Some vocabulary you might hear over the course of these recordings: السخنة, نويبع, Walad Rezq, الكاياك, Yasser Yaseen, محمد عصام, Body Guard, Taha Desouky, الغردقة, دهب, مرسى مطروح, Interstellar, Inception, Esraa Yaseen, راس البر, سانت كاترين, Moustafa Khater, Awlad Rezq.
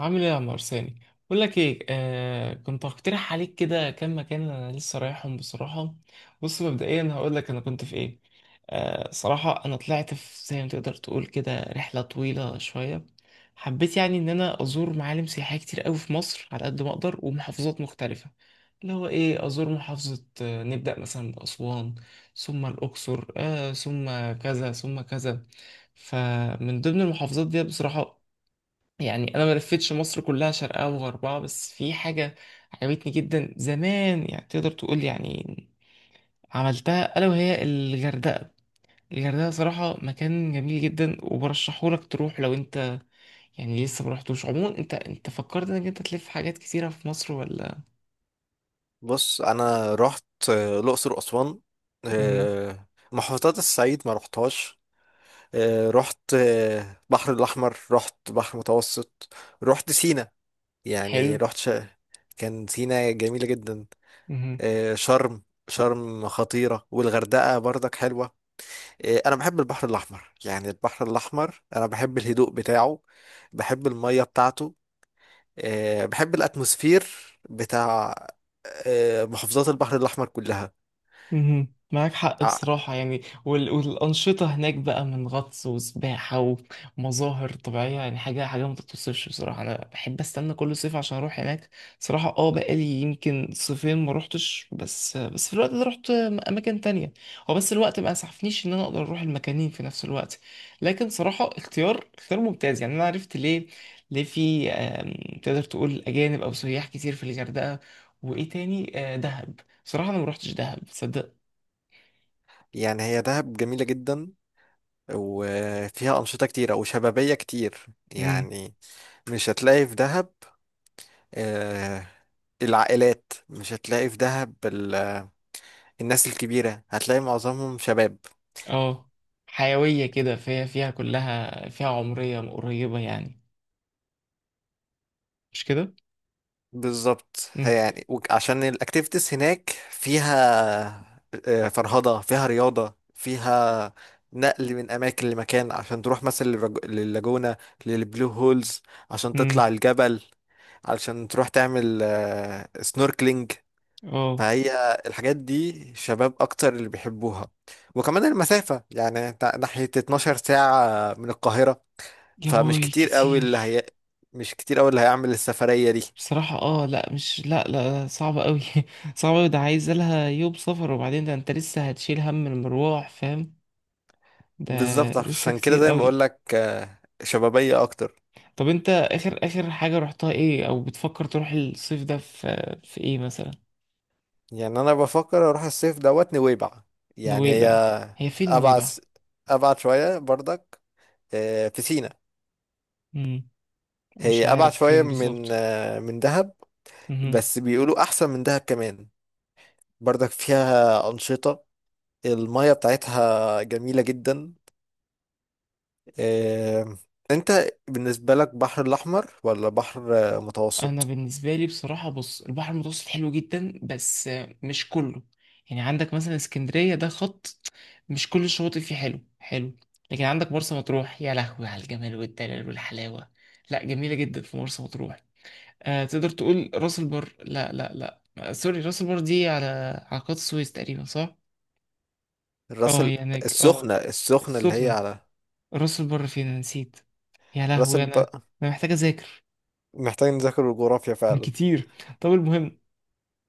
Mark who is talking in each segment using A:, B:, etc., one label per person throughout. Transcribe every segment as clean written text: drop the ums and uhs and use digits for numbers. A: عامل ايه يا عمار ثاني؟ بقول لك ايه، كنت هقترح عليك كده كام مكان انا لسه رايحهم بصراحه. بص، مبدئيا هقول لك انا كنت في ايه. صراحه انا طلعت في زي ما تقدر تقول كده رحله طويله شويه. حبيت يعني ان انا ازور معالم سياحيه كتير قوي في مصر على قد ما اقدر ومحافظات مختلفه، اللي هو ايه، ازور محافظه، نبدا مثلا باسوان، ثم الاقصر، ثم كذا ثم كذا. فمن ضمن المحافظات دي بصراحه، يعني انا ما لفتش مصر كلها شرقها وغربها، بس في حاجه عجبتني جدا زمان يعني، تقدر تقول يعني عملتها، الا وهي الغردقه. الغردقه صراحه مكان جميل جدا، وبرشحه لك تروح لو انت يعني لسه ما رحتوش. عموما انت فكرت انك انت تلف حاجات كتيره في مصر ولا؟
B: بص، انا رحت الاقصر واسوان.
A: مهم.
B: محافظات الصعيد ما رحتهاش. رحت بحر الاحمر، رحت بحر متوسط. رحت سينا.
A: حلو.
B: يعني رحت. كان سينا جميله جدا.
A: مهم.
B: شرم. شرم خطيره، والغردقه برضك حلوه. انا بحب البحر الاحمر. يعني البحر الاحمر انا بحب الهدوء بتاعه. بحب الميه بتاعته. بحب الاتموسفير بتاع محافظات البحر الاحمر كلها.
A: مهم. معاك حق بصراحة، يعني والأنشطة هناك بقى من غطس وسباحة ومظاهر طبيعية، يعني حاجة حاجة ما تتوصفش بصراحة. أنا بحب أستنى كل صيف عشان أروح هناك. صراحة بقالي يمكن صيفين ما روحتش، بس في الوقت ده روحت أماكن تانية. هو بس الوقت ما أسعفنيش إن أنا أقدر أروح المكانين في نفس الوقت. لكن صراحة اختيار اختيار ممتاز، يعني أنا عرفت ليه. ليه في تقدر تقول أجانب أو سياح كتير في الغردقة. وإيه تاني؟ دهب. صراحة أنا ما روحتش دهب، تصدق؟
B: يعني هي دهب جميلة جدا، وفيها أنشطة كتيرة وشبابية كتير
A: امم.
B: يعني. مش هتلاقي في دهب آه، العائلات. مش هتلاقي في دهب الناس الكبيرة، هتلاقي معظمهم شباب.
A: اه. حيوية كده، فيها فيها كلها فيها عمرية قريبة يعني، مش كده؟
B: بالظبط. هي
A: امم.
B: يعني عشان الأكتيفيتيز هناك فيها فرهضة، فيها رياضة، فيها نقل من أماكن لمكان، عشان تروح مثلا لللاجونة، للبلو هولز، عشان
A: امم.
B: تطلع الجبل، علشان تروح تعمل سنوركلينج.
A: اه.
B: فهي الحاجات دي شباب اكتر اللي بيحبوها. وكمان المسافة يعني ناحية 12 ساعة من القاهرة.
A: يا
B: فمش
A: باي،
B: كتير قوي
A: كتير!
B: اللي هي مش كتير قوي اللي هيعمل السفرية دي.
A: بصراحة اه، لا مش، لا لا صعبة قوي. صعبة قوي، ده عايز لها يوم سفر، وبعدين ده انت لسه هتشيل هم المروح، فاهم؟ ده
B: بالظبط،
A: لسه
B: عشان كده
A: كتير
B: زي ما بقول
A: قوي.
B: لك شبابية اكتر.
A: طب انت اخر اخر حاجة رحتها ايه، او بتفكر تروح الصيف ده في ايه مثلا؟
B: يعني انا بفكر اروح الصيف دوت نويبع. يعني هي
A: نويبع؟ هي فين
B: ابعد
A: نويبع؟
B: ابعد شوية برضك. في سينا.
A: مش
B: هي ابعد
A: عارف
B: شوية
A: فين
B: من
A: بالظبط.
B: آه، من دهب.
A: مهم.
B: بس بيقولوا احسن من دهب كمان. بردك فيها أنشطة. المية بتاعتها جميلة جدا. آم، انت بالنسبة لك بحر الأحمر ولا بحر
A: انا
B: متوسط؟
A: بالنسبه لي بصراحه، بص، البحر المتوسط حلو جدا بس مش كله. يعني عندك مثلا اسكندريه ده خط، مش كل الشواطئ فيه حلو حلو. لكن عندك مرسى مطروح، يا لهوي على الجمال والدلال والحلاوه، لا جميله جدا في مرسى مطروح. تقدر تقول راس البر، لا لا لا، سوري، راس البر دي على قناه السويس تقريبا، صح؟
B: الراس
A: اه
B: ال-
A: هي هناك اه.
B: السخنة اللي هي
A: السخنه.
B: على
A: راس البر فين؟ أنا نسيت، يا
B: راس
A: لهوي، انا
B: الب...
A: انا محتاج اذاكر
B: محتاج نذاكر الجغرافيا فعلا.
A: كتير. طب المهم،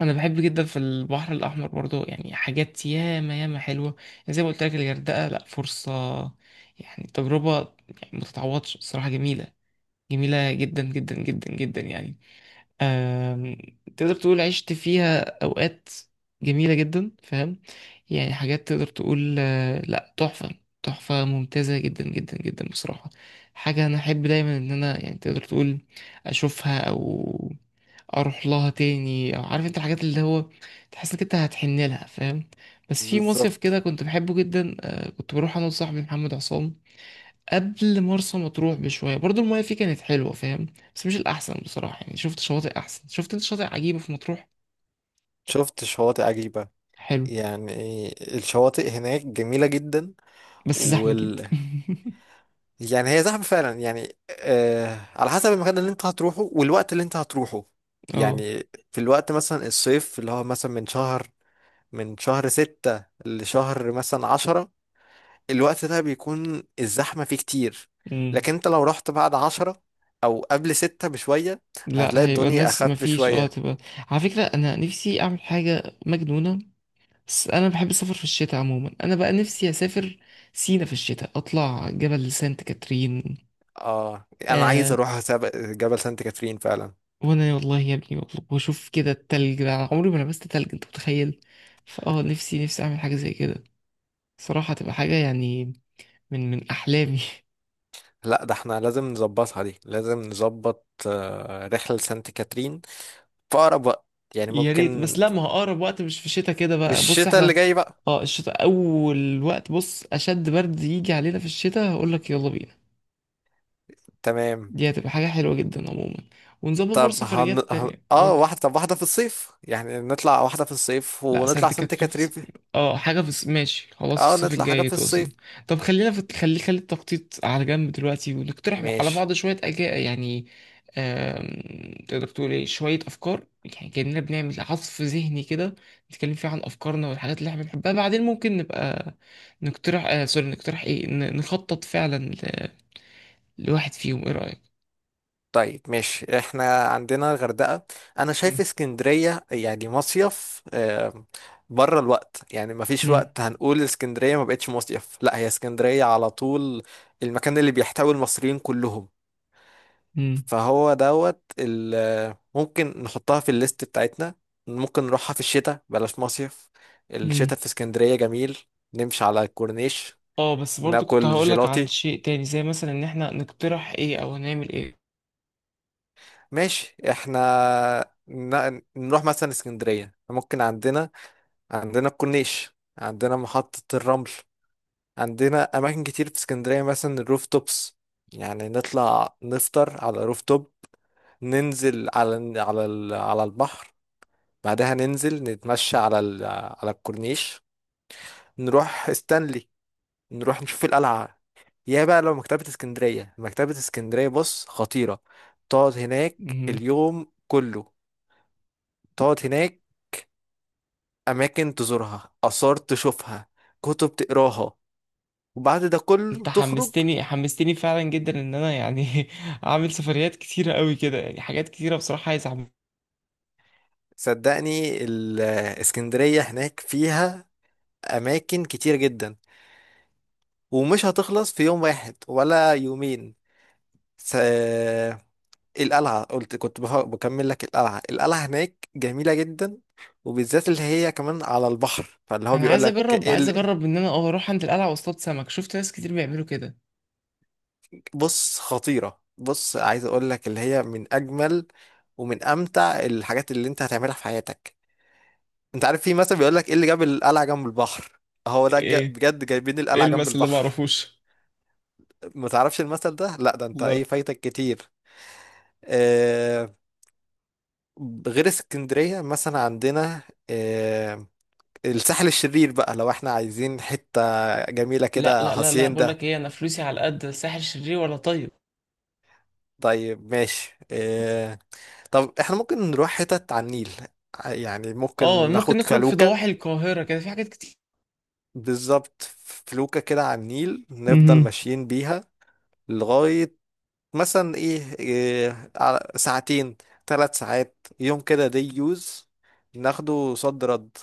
A: انا بحب جدا في البحر الاحمر برضو، يعني حاجات ياما ياما حلوه. يعني زي ما قلت لك الغردقه، لا فرصه يعني، تجربه يعني ما تتعوضش. الصراحه جميله، جميله جدا جدا جدا جدا يعني. آم، تقدر تقول عشت فيها أوقات جميلة جدا، فاهم؟ يعني حاجات تقدر تقول، لا، تحفة، تحفة ممتازة جدا جدا جدا بصراحة. حاجة أنا أحب دايما إن أنا يعني، تقدر تقول أشوفها أو أروح لها تاني. أو عارف أنت الحاجات اللي هو تحس إنك أنت هتحن لها، فاهم؟ بس في مصيف
B: بالظبط.
A: كده كنت بحبه جدا، كنت بروح أنا وصاحبي محمد عصام قبل مرسى مطروح بشويه. برضو المايه فيه كانت حلوه، فاهم؟ بس مش الاحسن بصراحه، يعني شفت شواطئ احسن. شفت انت شاطئ عجيبه في مطروح،
B: شفت شواطئ عجيبة.
A: حلو.
B: يعني الشواطئ هناك جميلة جدا.
A: بس زحمه جدا
B: يعني هي زحمة فعلا. يعني على حسب المكان اللي انت هتروحه والوقت اللي انت هتروحه.
A: اه.
B: يعني في الوقت مثلا الصيف اللي هو مثلا من شهر ستة لشهر مثلا 10. الوقت ده بيكون الزحمة فيه كتير.
A: امم.
B: لكن انت لو رحت بعد 10، او قبل ستة بشوية،
A: لا
B: هتلاقي
A: هيبقى
B: الدنيا
A: الناس
B: اخف
A: مفيش، اه
B: شوية.
A: تبقى. على فكره انا نفسي اعمل حاجه مجنونه، بس انا بحب السفر في الشتاء عموما. انا بقى نفسي اسافر سينا في الشتاء، اطلع جبل سانت كاترين.
B: اه، انا عايز
A: آه
B: اروح جبل سانت كاترين فعلا.
A: وانا والله يا ابني بطلب واشوف كده التلج، ده أنا عمري ما لبست تلج، انت متخيل؟ فاه نفسي نفسي اعمل حاجه زي كده. صراحة هتبقى حاجة يعني، من أحلامي
B: لا، ده احنا لازم نظبطها، دي لازم نظبط رحلة سانت كاترين في أقرب وقت. يعني
A: يا ريت،
B: ممكن
A: بس لا، ما هو أقرب وقت مش في الشتاء كده
B: في
A: بقى. بص
B: الشتاء
A: احنا
B: اللي جاي بقى.
A: اه، الشتاء أول وقت بص، أشد برد يجي علينا في الشتاء هقولك يلا بينا.
B: تمام.
A: دي هتبقى حاجة حلوة جدا عموما، ونظبط برضه
B: طب
A: سفريات تانية.
B: اه، واحدة. طب واحدة في الصيف، يعني نطلع واحدة في الصيف
A: لا،
B: ونطلع
A: سانت
B: سانت
A: كاترين في
B: كاترين في-
A: حاجة في ماشي خلاص،
B: اه،
A: الصيف
B: نطلع حاجة
A: الجاي
B: في
A: تقصد.
B: الصيف.
A: طب خلينا في، خلي خلي التخطيط على جنب دلوقتي ونقترح على
B: ماشي.
A: بعض شوية أجا يعني. تقدر تقول ايه، شوية أفكار، يعني كأننا بنعمل عصف ذهني كده، نتكلم فيه عن أفكارنا والحاجات اللي احنا بنحبها. بعدين ممكن نبقى نقترح، سوري، نقترح ايه، نخطط فعلا لواحد فيهم، ايه رأيك؟
B: طيب، ماشي. احنا عندنا الغردقة. انا شايف
A: مم.
B: اسكندرية يعني مصيف. بره الوقت. يعني مفيش
A: مم.
B: وقت هنقول اسكندرية ما بقتش مصيف، لا هي اسكندرية على طول المكان اللي بيحتوي المصريين كلهم.
A: مم.
B: فهو دوت ممكن نحطها في الليست بتاعتنا. ممكن نروحها في الشتاء بلاش مصيف.
A: مم.
B: الشتاء في اسكندرية جميل. نمشي على الكورنيش،
A: اه بس برضه كنت
B: ناكل
A: هقولك عن
B: جيلاتي.
A: شيء تاني، زي مثلا ان احنا نقترح ايه او هنعمل ايه.
B: ماشي احنا نروح مثلا اسكندرية. ممكن عندنا عندنا الكورنيش، عندنا محطة الرمل، عندنا أماكن كتير في اسكندرية، مثلا الروف توبس. يعني نطلع نفطر على روف توب، ننزل على البحر. بعدها ننزل نتمشى على الكورنيش. نروح استانلي، نروح نشوف القلعة. يا بقى، لو مكتبة اسكندرية، مكتبة اسكندرية بص خطيرة. تقعد هناك
A: مهم.
B: اليوم كله. تقعد هناك، أماكن تزورها، آثار تشوفها، كتب تقراها، وبعد ده كله
A: انت
B: تخرج.
A: حمستني حمستني فعلا جدا، ان انا يعني اعمل سفريات كتيره قوي كده، يعني حاجات كتيره بصراحه عايز اعمل.
B: صدقني، الإسكندرية هناك فيها أماكن كتير جدا، ومش هتخلص في يوم واحد ولا يومين. س- القلعة، قلت كنت بكمل لك. القلعة، القلعة هناك جميلة جدا، وبالذات اللي هي كمان على البحر. فاللي هو
A: انا
B: بيقول
A: عايز
B: لك
A: اجرب،
B: إيه
A: عايز
B: ال-
A: اجرب ان انا اروح عند القلعه واصطاد سمك، شفت ناس كتير بيعملوا كده.
B: بص خطيرة. بص، عايز اقول لك اللي هي من اجمل ومن امتع الحاجات اللي انت هتعملها في حياتك. انت عارف، في مثلا بيقول لك ايه اللي جاب القلعة جنب البحر. هو ده
A: ايه؟
B: بجد جايبين
A: ايه
B: القلعة جنب
A: المثل ده
B: البحر.
A: معرفوش.
B: ما تعرفش المثل ده؟ لا، ده انت
A: لا
B: ايه فايتك كتير. آه. غير اسكندرية مثلا عندنا آه، الساحل الشرير بقى، لو احنا عايزين حتة جميلة
A: لا
B: كده،
A: لا لا لا، بقول
B: هاسيندا.
A: لك ايه، انا فلوسي على قد ساحل شرير ولا طيب.
B: طيب ماشي. اه، طب احنا ممكن نروح حتت على النيل. يعني ممكن
A: اه ممكن
B: ناخد
A: نخرج في
B: فلوكة.
A: ضواحي القاهره كده، في حاجات
B: بالظبط، فلوكة كده على النيل نفضل
A: كتير.
B: ماشيين بيها لغاية مثلا ايه, إيه ساعتين، 3 ساعات، يوم كده، دي يوز، ناخده صد رد.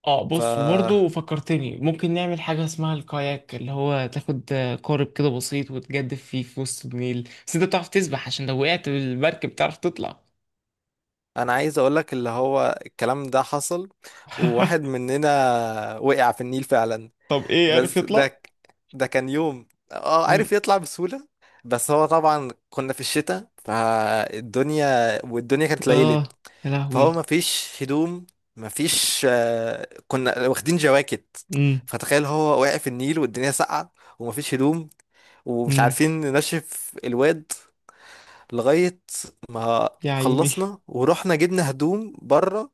A: اه بص،
B: فأنا
A: وبرضه فكرتني ممكن نعمل حاجة اسمها الكاياك، اللي هو تاخد قارب كده بسيط، وتجدف فيه في وسط النيل. بس انت بتعرف تسبح؟ عشان لو وقعت بالمركب بتعرف تطلع.
B: عايز أقولك اللي هو الكلام ده حصل، وواحد مننا وقع في النيل فعلا.
A: طب ايه، عارف
B: بس ده
A: يطلع؟
B: ك- ده كان يوم. اه،
A: مم.
B: عارف يطلع بسهولة. بس هو طبعا كنا في الشتاء فالدنيا، والدنيا كانت ليلت.
A: اه. يا لهوي.
B: فهو مفيش هدوم. مفيش كنا واخدين جواكت.
A: مم.
B: فتخيل، هو واقع في النيل والدنيا ساقعة، ومفيش هدوم، ومش
A: مم.
B: عارفين ننشف الواد لغاية ما
A: يا عيني.
B: خلصنا، ورحنا جبنا هدوم بره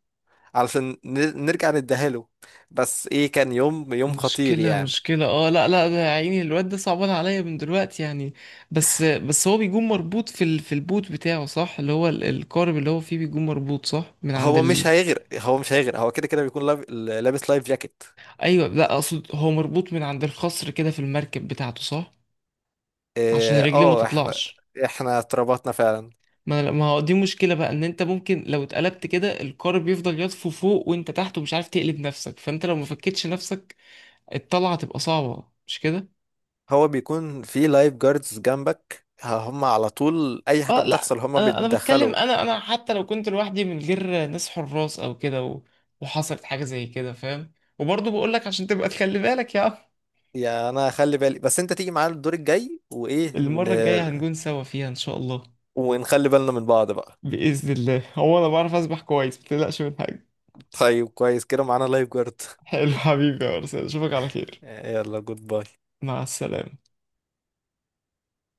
B: علشان نرجع نديها له. بس ايه، كان يوم يوم خطير
A: مشكلة،
B: يعني.
A: مشكلة، اه لا لا، ده يا عيني الواد ده صعبان عليا من دلوقتي يعني. بس هو بيكون مربوط في في البوت بتاعه، صح؟ اللي هو القارب اللي هو فيه بيكون مربوط صح من عند.
B: هو مش هيغرق. هو كده كده بيكون لابس لايف جاكيت.
A: ايوه، لا اقصد هو مربوط من عند الخصر كده في المركب بتاعته، صح؟ عشان
B: اه.
A: رجليه ما
B: آه، احنا
A: تطلعش.
B: احنا اتربطنا فعلا.
A: ما هو دي مشكله بقى، ان انت ممكن لو اتقلبت كده القارب بيفضل يطفو فوق وانت تحت ومش عارف تقلب نفسك. فانت لو ما فكتش نفسك الطلعه تبقى صعبه، مش كده؟
B: هو بيكون في لايف جاردز جنبك، هم على طول اي حاجه
A: اه لا
B: بتحصل هم
A: انا بتكلم،
B: بيتدخلوا.
A: انا حتى لو كنت لوحدي من غير ناس حراس او كده وحصلت حاجه زي كده، فاهم؟ وبرضه بقول لك عشان تبقى تخلي بالك يا عم.
B: يا، انا خلي بالي، بس انت تيجي معانا الدور الجاي وايه.
A: المره الجايه هنكون سوا فيها ان شاء الله.
B: ونخلي بالنا من بعض بقى.
A: بإذن الله، هو أنا بعرف أسبح كويس، متقلقش من حاجة.
B: طيب كويس كده، معانا لايف جارد.
A: حلو حبيبي يا أرسنال، أشوفك على خير.
B: يلا، جود باي.
A: مع السلامة.